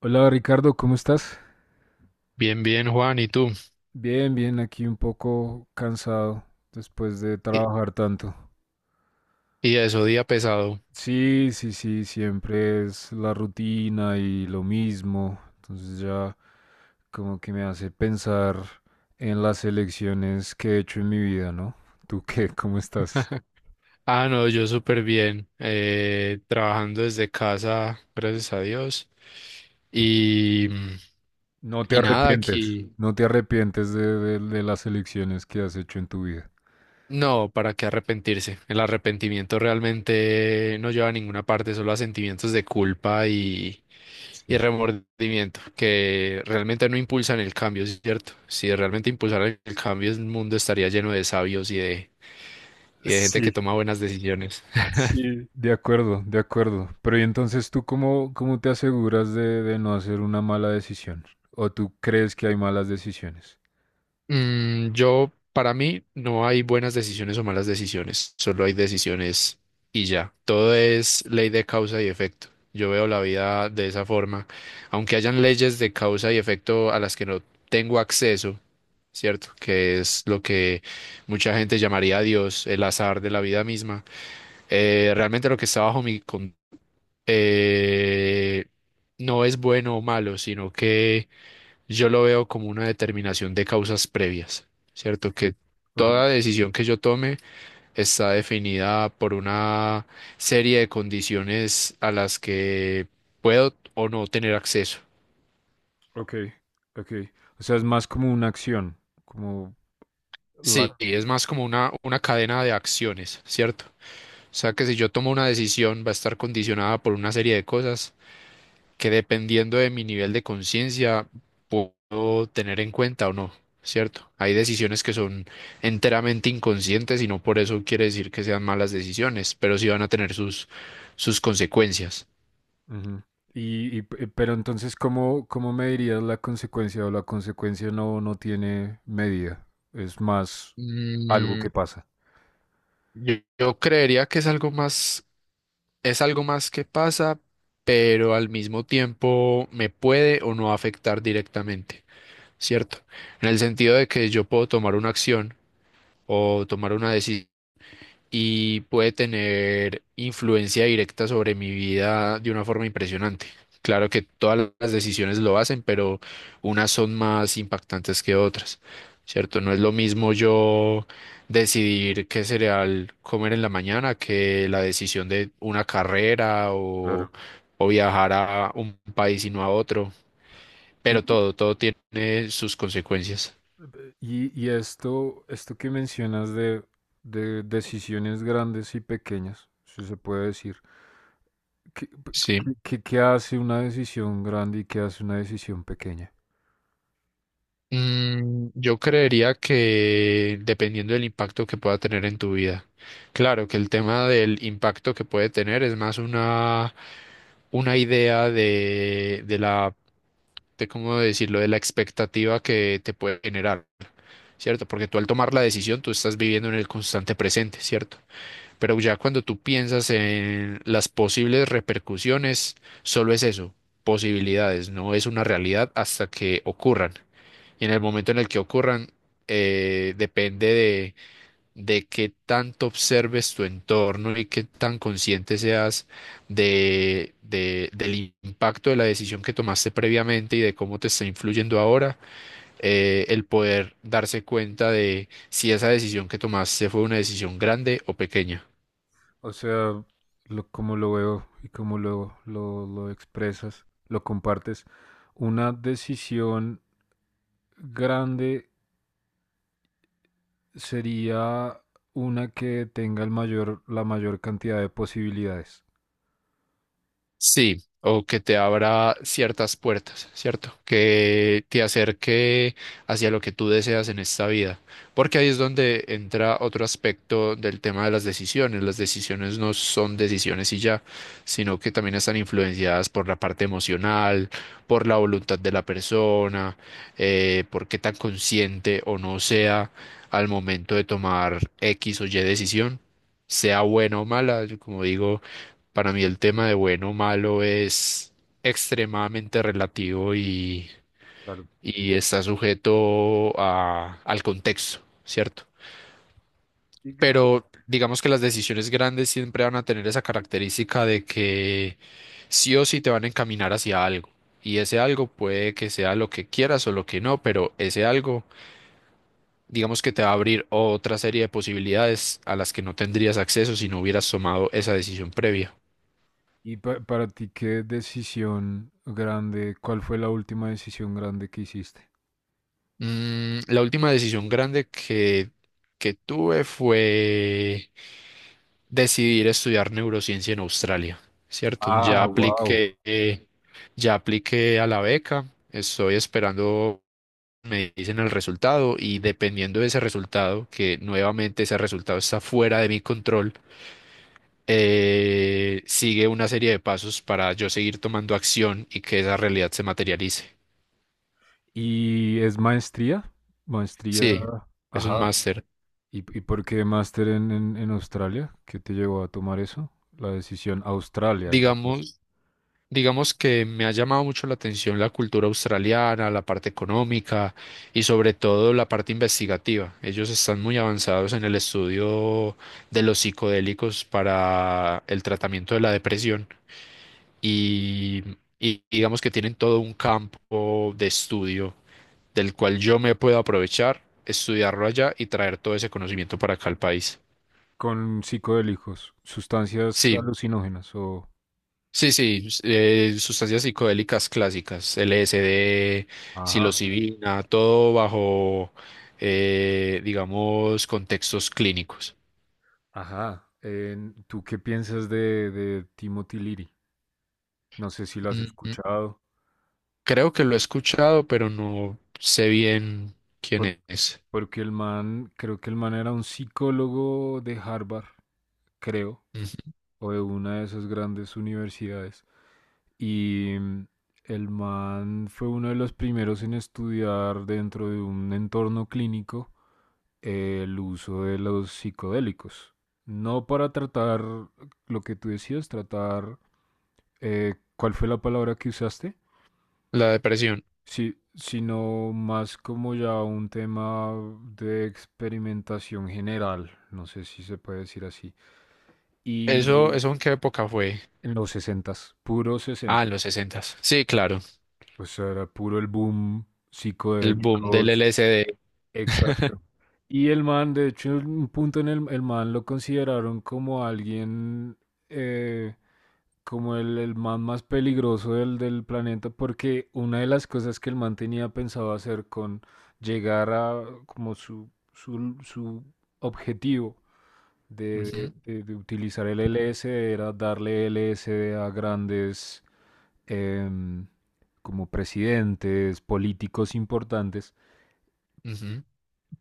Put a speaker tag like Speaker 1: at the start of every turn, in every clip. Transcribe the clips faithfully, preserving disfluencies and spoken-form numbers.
Speaker 1: Hola Ricardo, ¿cómo estás?
Speaker 2: Bien, bien, Juan, ¿y tú?
Speaker 1: Bien, bien, aquí un poco cansado después de
Speaker 2: ¿Y,
Speaker 1: trabajar tanto.
Speaker 2: y eso, día pesado?
Speaker 1: Sí, sí, sí, siempre es la rutina y lo mismo. Entonces ya como que me hace pensar en las elecciones que he hecho en mi vida, ¿no? ¿Tú qué? ¿Cómo estás?
Speaker 2: Ah, no, yo súper bien, eh, trabajando desde casa, gracias a Dios. Y,
Speaker 1: No te
Speaker 2: y nada,
Speaker 1: arrepientes.
Speaker 2: aquí,
Speaker 1: No te arrepientes de, de- de las elecciones que has hecho en tu vida.
Speaker 2: no, ¿para qué arrepentirse? El arrepentimiento realmente no lleva a ninguna parte, solo a sentimientos de culpa y, y
Speaker 1: Sí.
Speaker 2: remordimiento, que realmente no impulsan el cambio, ¿cierto? Si realmente impulsaran el cambio, el mundo estaría lleno de sabios y de, y de gente
Speaker 1: Sí.
Speaker 2: que toma buenas decisiones.
Speaker 1: Sí, de acuerdo, de acuerdo. Pero ¿y entonces tú cómo, cómo te aseguras de, de no hacer una mala decisión? ¿O tú crees que hay malas decisiones?
Speaker 2: Mm, yo, para mí, no hay buenas decisiones o malas decisiones, solo hay decisiones y ya. Todo es ley de causa y efecto. Yo veo la vida de esa forma, aunque hayan leyes de causa y efecto a las que no tengo acceso, ¿cierto? Que es lo que mucha gente llamaría Dios, el azar de la vida misma. Eh, realmente lo que está bajo mi... con- eh, no es bueno o malo, sino que yo lo veo como una determinación de causas previas, ¿cierto? Que
Speaker 1: Ok,
Speaker 2: toda decisión que yo tome está definida por una serie de condiciones a las que puedo o no tener acceso.
Speaker 1: ok, ok. O sea, es más como una acción, como
Speaker 2: Sí,
Speaker 1: la...
Speaker 2: es más como una, una cadena de acciones, ¿cierto? O sea que si yo tomo una decisión va a estar condicionada por una serie de cosas que dependiendo de mi nivel de conciencia puedo tener en cuenta o no, ¿cierto? Hay decisiones que son enteramente inconscientes y no por eso quiere decir que sean malas decisiones, pero sí van a tener sus, sus consecuencias.
Speaker 1: Ujú. Y, y pe- pero entonces, ¿cómo, cómo medirías la consecuencia o la consecuencia no, no tiene medida? Es más algo
Speaker 2: Mm,
Speaker 1: que pasa.
Speaker 2: yo, yo creería que es algo más, es algo más que pasa, pero al mismo tiempo me puede o no afectar directamente, ¿cierto? En el sentido de que yo puedo tomar una acción o tomar una decisión y puede tener influencia directa sobre mi vida de una forma impresionante. Claro que todas las decisiones lo hacen, pero unas son más impactantes que otras, ¿cierto? No es lo mismo yo decidir qué cereal comer en la mañana que la decisión de una carrera o,
Speaker 1: Claro.
Speaker 2: o viajar a un país y no a otro, pero todo, todo tiene sus consecuencias.
Speaker 1: Y, y esto, esto que mencionas de, de decisiones grandes y pequeñas, si se puede decir, ¿qué,
Speaker 2: Sí.
Speaker 1: qué- qué hace una decisión grande y qué hace una decisión pequeña?
Speaker 2: Mm, yo creería que dependiendo del impacto que pueda tener en tu vida. Claro que el tema del impacto que puede tener es más una, una idea de, de la, de cómo decirlo, de la expectativa que te puede generar, ¿cierto? Porque tú al tomar la decisión, tú estás viviendo en el constante presente, ¿cierto? Pero ya cuando tú piensas en las posibles repercusiones, solo es eso, posibilidades, no es una realidad hasta que ocurran. Y en el momento en el que ocurran, eh, depende de, de qué tanto observes tu entorno y qué tan consciente seas de, de- del impacto de la decisión que tomaste previamente y de cómo te está influyendo ahora, eh, el poder darse cuenta de si esa decisión que tomaste fue una decisión grande o pequeña.
Speaker 1: O sea, lo, como lo veo y como lo, lo, lo expresas, lo compartes, una decisión grande sería una que tenga el mayor, la mayor cantidad de posibilidades.
Speaker 2: Sí, o que te abra ciertas puertas, ¿cierto? Que te acerque hacia lo que tú deseas en esta vida. Porque ahí es donde entra otro aspecto del tema de las decisiones. Las decisiones no son decisiones y ya, sino que también están influenciadas por la parte emocional, por la voluntad de la persona, eh, por qué tan consciente o no sea al momento de tomar X o Y decisión, sea buena o mala, Yo, como digo. Para mí el tema de bueno o malo es extremadamente relativo y, y está sujeto a- al contexto, ¿cierto?
Speaker 1: Claro.
Speaker 2: Pero digamos que las decisiones grandes siempre van a tener esa característica de que sí o sí te van a encaminar hacia algo. Y ese algo puede que sea lo que quieras o lo que no, pero ese algo, digamos que te va a abrir otra serie de posibilidades a las que no tendrías acceso si no hubieras tomado esa decisión previa.
Speaker 1: Y pa- para ti, ¿qué decisión grande, cuál fue la última decisión grande que hiciste?
Speaker 2: Mm, la última decisión grande que, que tuve fue decidir estudiar neurociencia en Australia, ¿cierto? Ya
Speaker 1: Ah, wow.
Speaker 2: apliqué, eh, ya apliqué a la beca, estoy esperando, me dicen el resultado y dependiendo de ese resultado, que nuevamente ese resultado está fuera de mi control, eh, sigue una serie de pasos para yo seguir tomando acción y que esa realidad se materialice.
Speaker 1: ¿Y es maestría? Maestría,
Speaker 2: Sí, es un
Speaker 1: ajá.
Speaker 2: máster.
Speaker 1: ¿Y, y por qué máster en, en, en Australia? ¿Qué te llevó a tomar eso? La decisión Australia, la cosa.
Speaker 2: Digamos, digamos que me ha llamado mucho la atención la cultura australiana, la parte económica y sobre todo la parte investigativa. Ellos están muy avanzados en el estudio de los psicodélicos para el tratamiento de la depresión y, y digamos que tienen todo un campo de estudio del cual yo me puedo aprovechar, estudiarlo allá y traer todo ese conocimiento para acá al país.
Speaker 1: Con psicodélicos, sustancias
Speaker 2: Sí.
Speaker 1: alucinógenas o...
Speaker 2: Sí, sí, s- eh, sustancias psicodélicas clásicas, L S D,
Speaker 1: Ajá.
Speaker 2: psilocibina, todo bajo, eh, digamos, contextos clínicos.
Speaker 1: Ajá. En- ¿tú qué piensas de, de Timothy Leary? No sé si lo has
Speaker 2: Mm, mm.
Speaker 1: escuchado.
Speaker 2: Creo que lo he escuchado, pero no sé bien quién es.
Speaker 1: Porque el man, creo que el man era un psicólogo de Harvard, creo,
Speaker 2: Ujú.
Speaker 1: o de una de esas grandes universidades. Y mm, el man fue uno de los primeros en estudiar dentro de un entorno clínico, eh, el uso de los psicodélicos. No para tratar lo que tú decías, tratar, eh, ¿cuál fue la palabra que usaste?
Speaker 2: La depresión.
Speaker 1: Sí, sino más como ya un tema de experimentación general, no sé si se puede decir así.
Speaker 2: ¿Eso,
Speaker 1: Y
Speaker 2: eso en qué época fue?
Speaker 1: en los sesentas, puro
Speaker 2: Ah,
Speaker 1: sesenta.
Speaker 2: en los sesentas. Sí, claro,
Speaker 1: O sea, era puro el boom
Speaker 2: el boom
Speaker 1: psicodélico.
Speaker 2: del L S D.
Speaker 1: Exacto. Y el man, de hecho, en un punto, en el, el man lo consideraron como alguien, eh, como el, el man más peligroso del, del planeta, porque una de las cosas que el man tenía pensado hacer con llegar a como su, su, su objetivo de,
Speaker 2: Ujú,
Speaker 1: de- de utilizar el L S D era darle L S D a grandes, em, como presidentes, políticos importantes,
Speaker 2: ujú.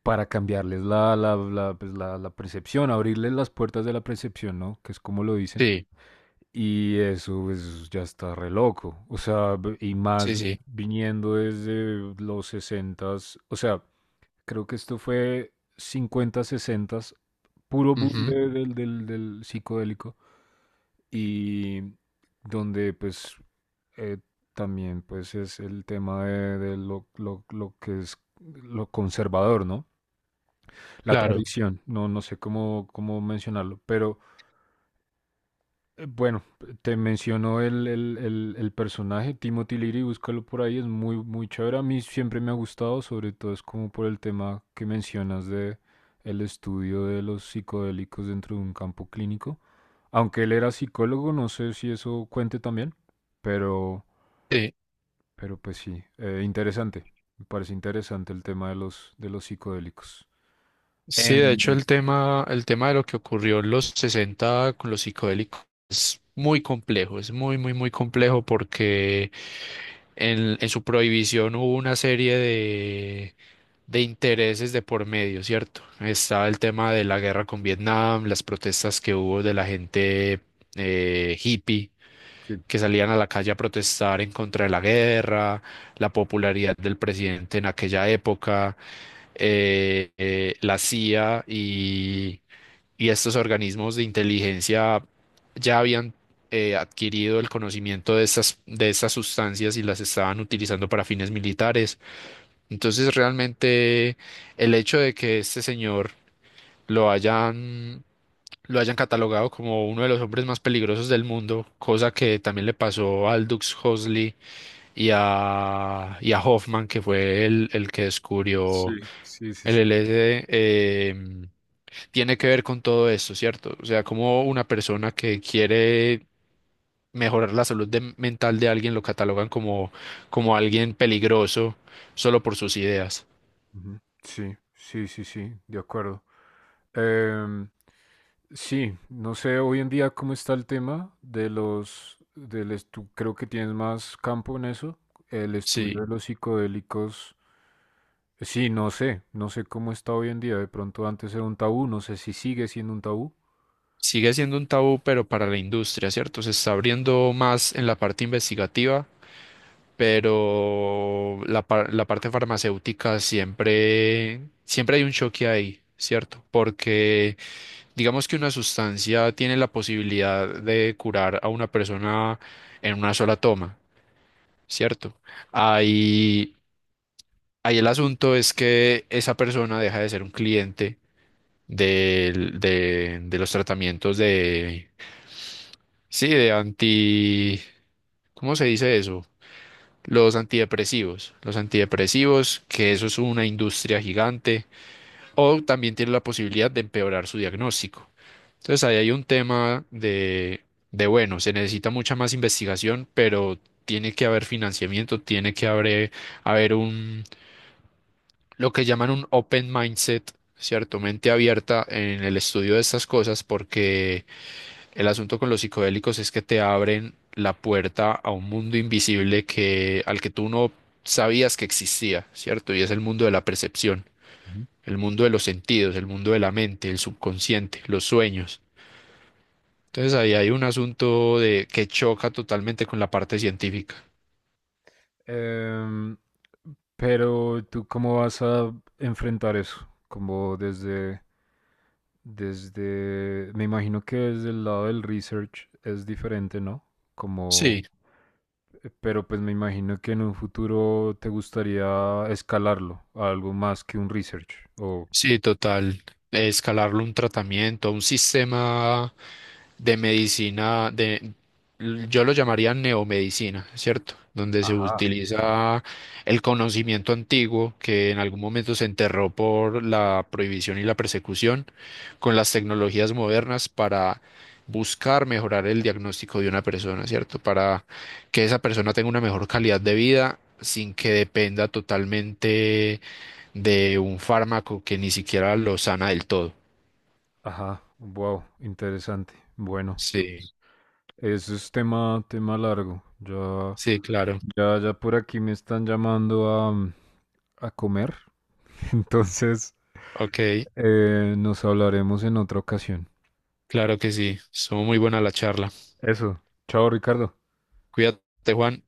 Speaker 1: para cambiarles la, la, la, pues, la, la percepción, abrirles las puertas de la percepción, ¿no? Que es como lo dicen.
Speaker 2: Sí,
Speaker 1: Y eso es, ya está re loco. O sea, y más
Speaker 2: sí, sí.
Speaker 1: viniendo desde los sesentas. O sea, creo que esto fue cincuenta, sesenta, puro boom
Speaker 2: Ujú,
Speaker 1: de- del, del, del psicodélico. Y donde pues, eh, también pues es el tema de, de lo, lo, lo que es lo conservador, ¿no? La
Speaker 2: claro,
Speaker 1: tradición, no, no sé cómo, cómo mencionarlo, pero eh, bueno, te menciono el, el, el, el personaje, Timothy Leary, búscalo por ahí, es muy, muy chévere. A mí siempre me ha gustado, sobre todo es como por el tema que mencionas de el estudio de los psicodélicos dentro de un campo clínico. Aunque él era psicólogo, no sé si eso cuente también, pero,
Speaker 2: sí.
Speaker 1: pero pues sí, eh, interesante. Me parece interesante el tema de los, de los psicodélicos.
Speaker 2: Sí, de
Speaker 1: En...
Speaker 2: hecho el tema, el tema de lo que ocurrió en los sesenta con los psicodélicos es muy complejo, es muy, muy, muy complejo porque en, en su prohibición hubo una serie de, de intereses de por medio, ¿cierto? Estaba el tema de la guerra con Vietnam, las protestas que hubo de la gente eh, hippie
Speaker 1: Sí,
Speaker 2: que salían a la calle a protestar en contra de la guerra, la popularidad del presidente en aquella época eh, eh, la C I A y, y estos organismos de inteligencia ya habían eh, adquirido el conocimiento de estas, de estas sustancias y las estaban utilizando para fines militares. Entonces, realmente el hecho de que este señor lo hayan, lo hayan catalogado como uno de los hombres más peligrosos del mundo, cosa que también le pasó a Aldous Huxley y a, y a Hoffman, que fue el, el que
Speaker 1: sí,
Speaker 2: descubrió
Speaker 1: sí, sí,
Speaker 2: el
Speaker 1: sí.
Speaker 2: L S D eh, tiene que ver con todo esto, ¿cierto? O sea, como una persona que quiere mejorar la salud de- mental de alguien lo catalogan como, como alguien peligroso solo por sus ideas.
Speaker 1: Ujú. Sí, sí, sí, sí, de acuerdo. Em, sí, no sé hoy en día cómo está el tema de los, del estu- creo que tienes más campo en eso, el estudio
Speaker 2: Sí,
Speaker 1: de los psicodélicos. Sí, no sé, no sé cómo está hoy en día. De pronto antes era un tabú, no sé si sigue siendo un tabú.
Speaker 2: sigue siendo un tabú, pero para la industria, ¿cierto? Se está abriendo más en la parte investigativa, pero la, par- la parte farmacéutica siempre, siempre hay un choque ahí, ¿cierto? Porque digamos que una sustancia tiene la posibilidad de curar a una persona en una sola toma, ¿cierto? Ahí, ahí el asunto es que esa persona deja de ser un cliente del- de, de los tratamientos de, sí, de anti, ¿cómo se dice eso? Los antidepresivos. Los antidepresivos, que eso es una industria gigante o también tiene la posibilidad de empeorar su diagnóstico. Entonces ahí hay un tema de, de, bueno, se necesita mucha más investigación, pero tiene que haber financiamiento, tiene que haber, haber un, lo que llaman un open mindset, ¿cierto? Mente abierta en el estudio de estas cosas, porque el asunto con los psicodélicos es que te abren la puerta a un mundo invisible que, al que tú no sabías que existía, ¿cierto? Y es el mundo de la percepción
Speaker 1: Ujú.
Speaker 2: el mundo de los sentidos, el mundo de la mente, el subconsciente, los sueños. Entonces ahí hay un asunto de que choca totalmente con la parte científica.
Speaker 1: Em, pero tú cómo vas a enfrentar eso, como desde desde, me imagino que desde el lado del research es diferente, ¿no? Como,
Speaker 2: Sí,
Speaker 1: eh, pero pues me imagino que en un futuro te gustaría escalarlo a algo más que un research. O,
Speaker 2: sí, total. Escalarlo a un tratamiento, a un sistema de medicina, de, yo lo llamaría neomedicina, ¿cierto? Donde se
Speaker 1: Ajá,
Speaker 2: utiliza el conocimiento antiguo que en algún momento se enterró por la prohibición y la persecución con las tecnologías modernas para buscar mejorar el diagnóstico de una persona, ¿cierto? Para que esa persona tenga una mejor calidad de vida sin que dependa totalmente de un fármaco que ni siquiera lo sana del todo.
Speaker 1: ajá, wow, interesante. Bueno,
Speaker 2: Sí,
Speaker 1: pues, eso es tema, tema largo. Ya,
Speaker 2: sí, claro.
Speaker 1: ya, ya por aquí me están llamando a, mm, a comer. Entonces,
Speaker 2: Ok.
Speaker 1: eh, nos hablaremos en otra ocasión.
Speaker 2: Claro que sí, estuvo muy buena la charla.
Speaker 1: Eso. Chao, Ricardo.
Speaker 2: Cuídate, Juan.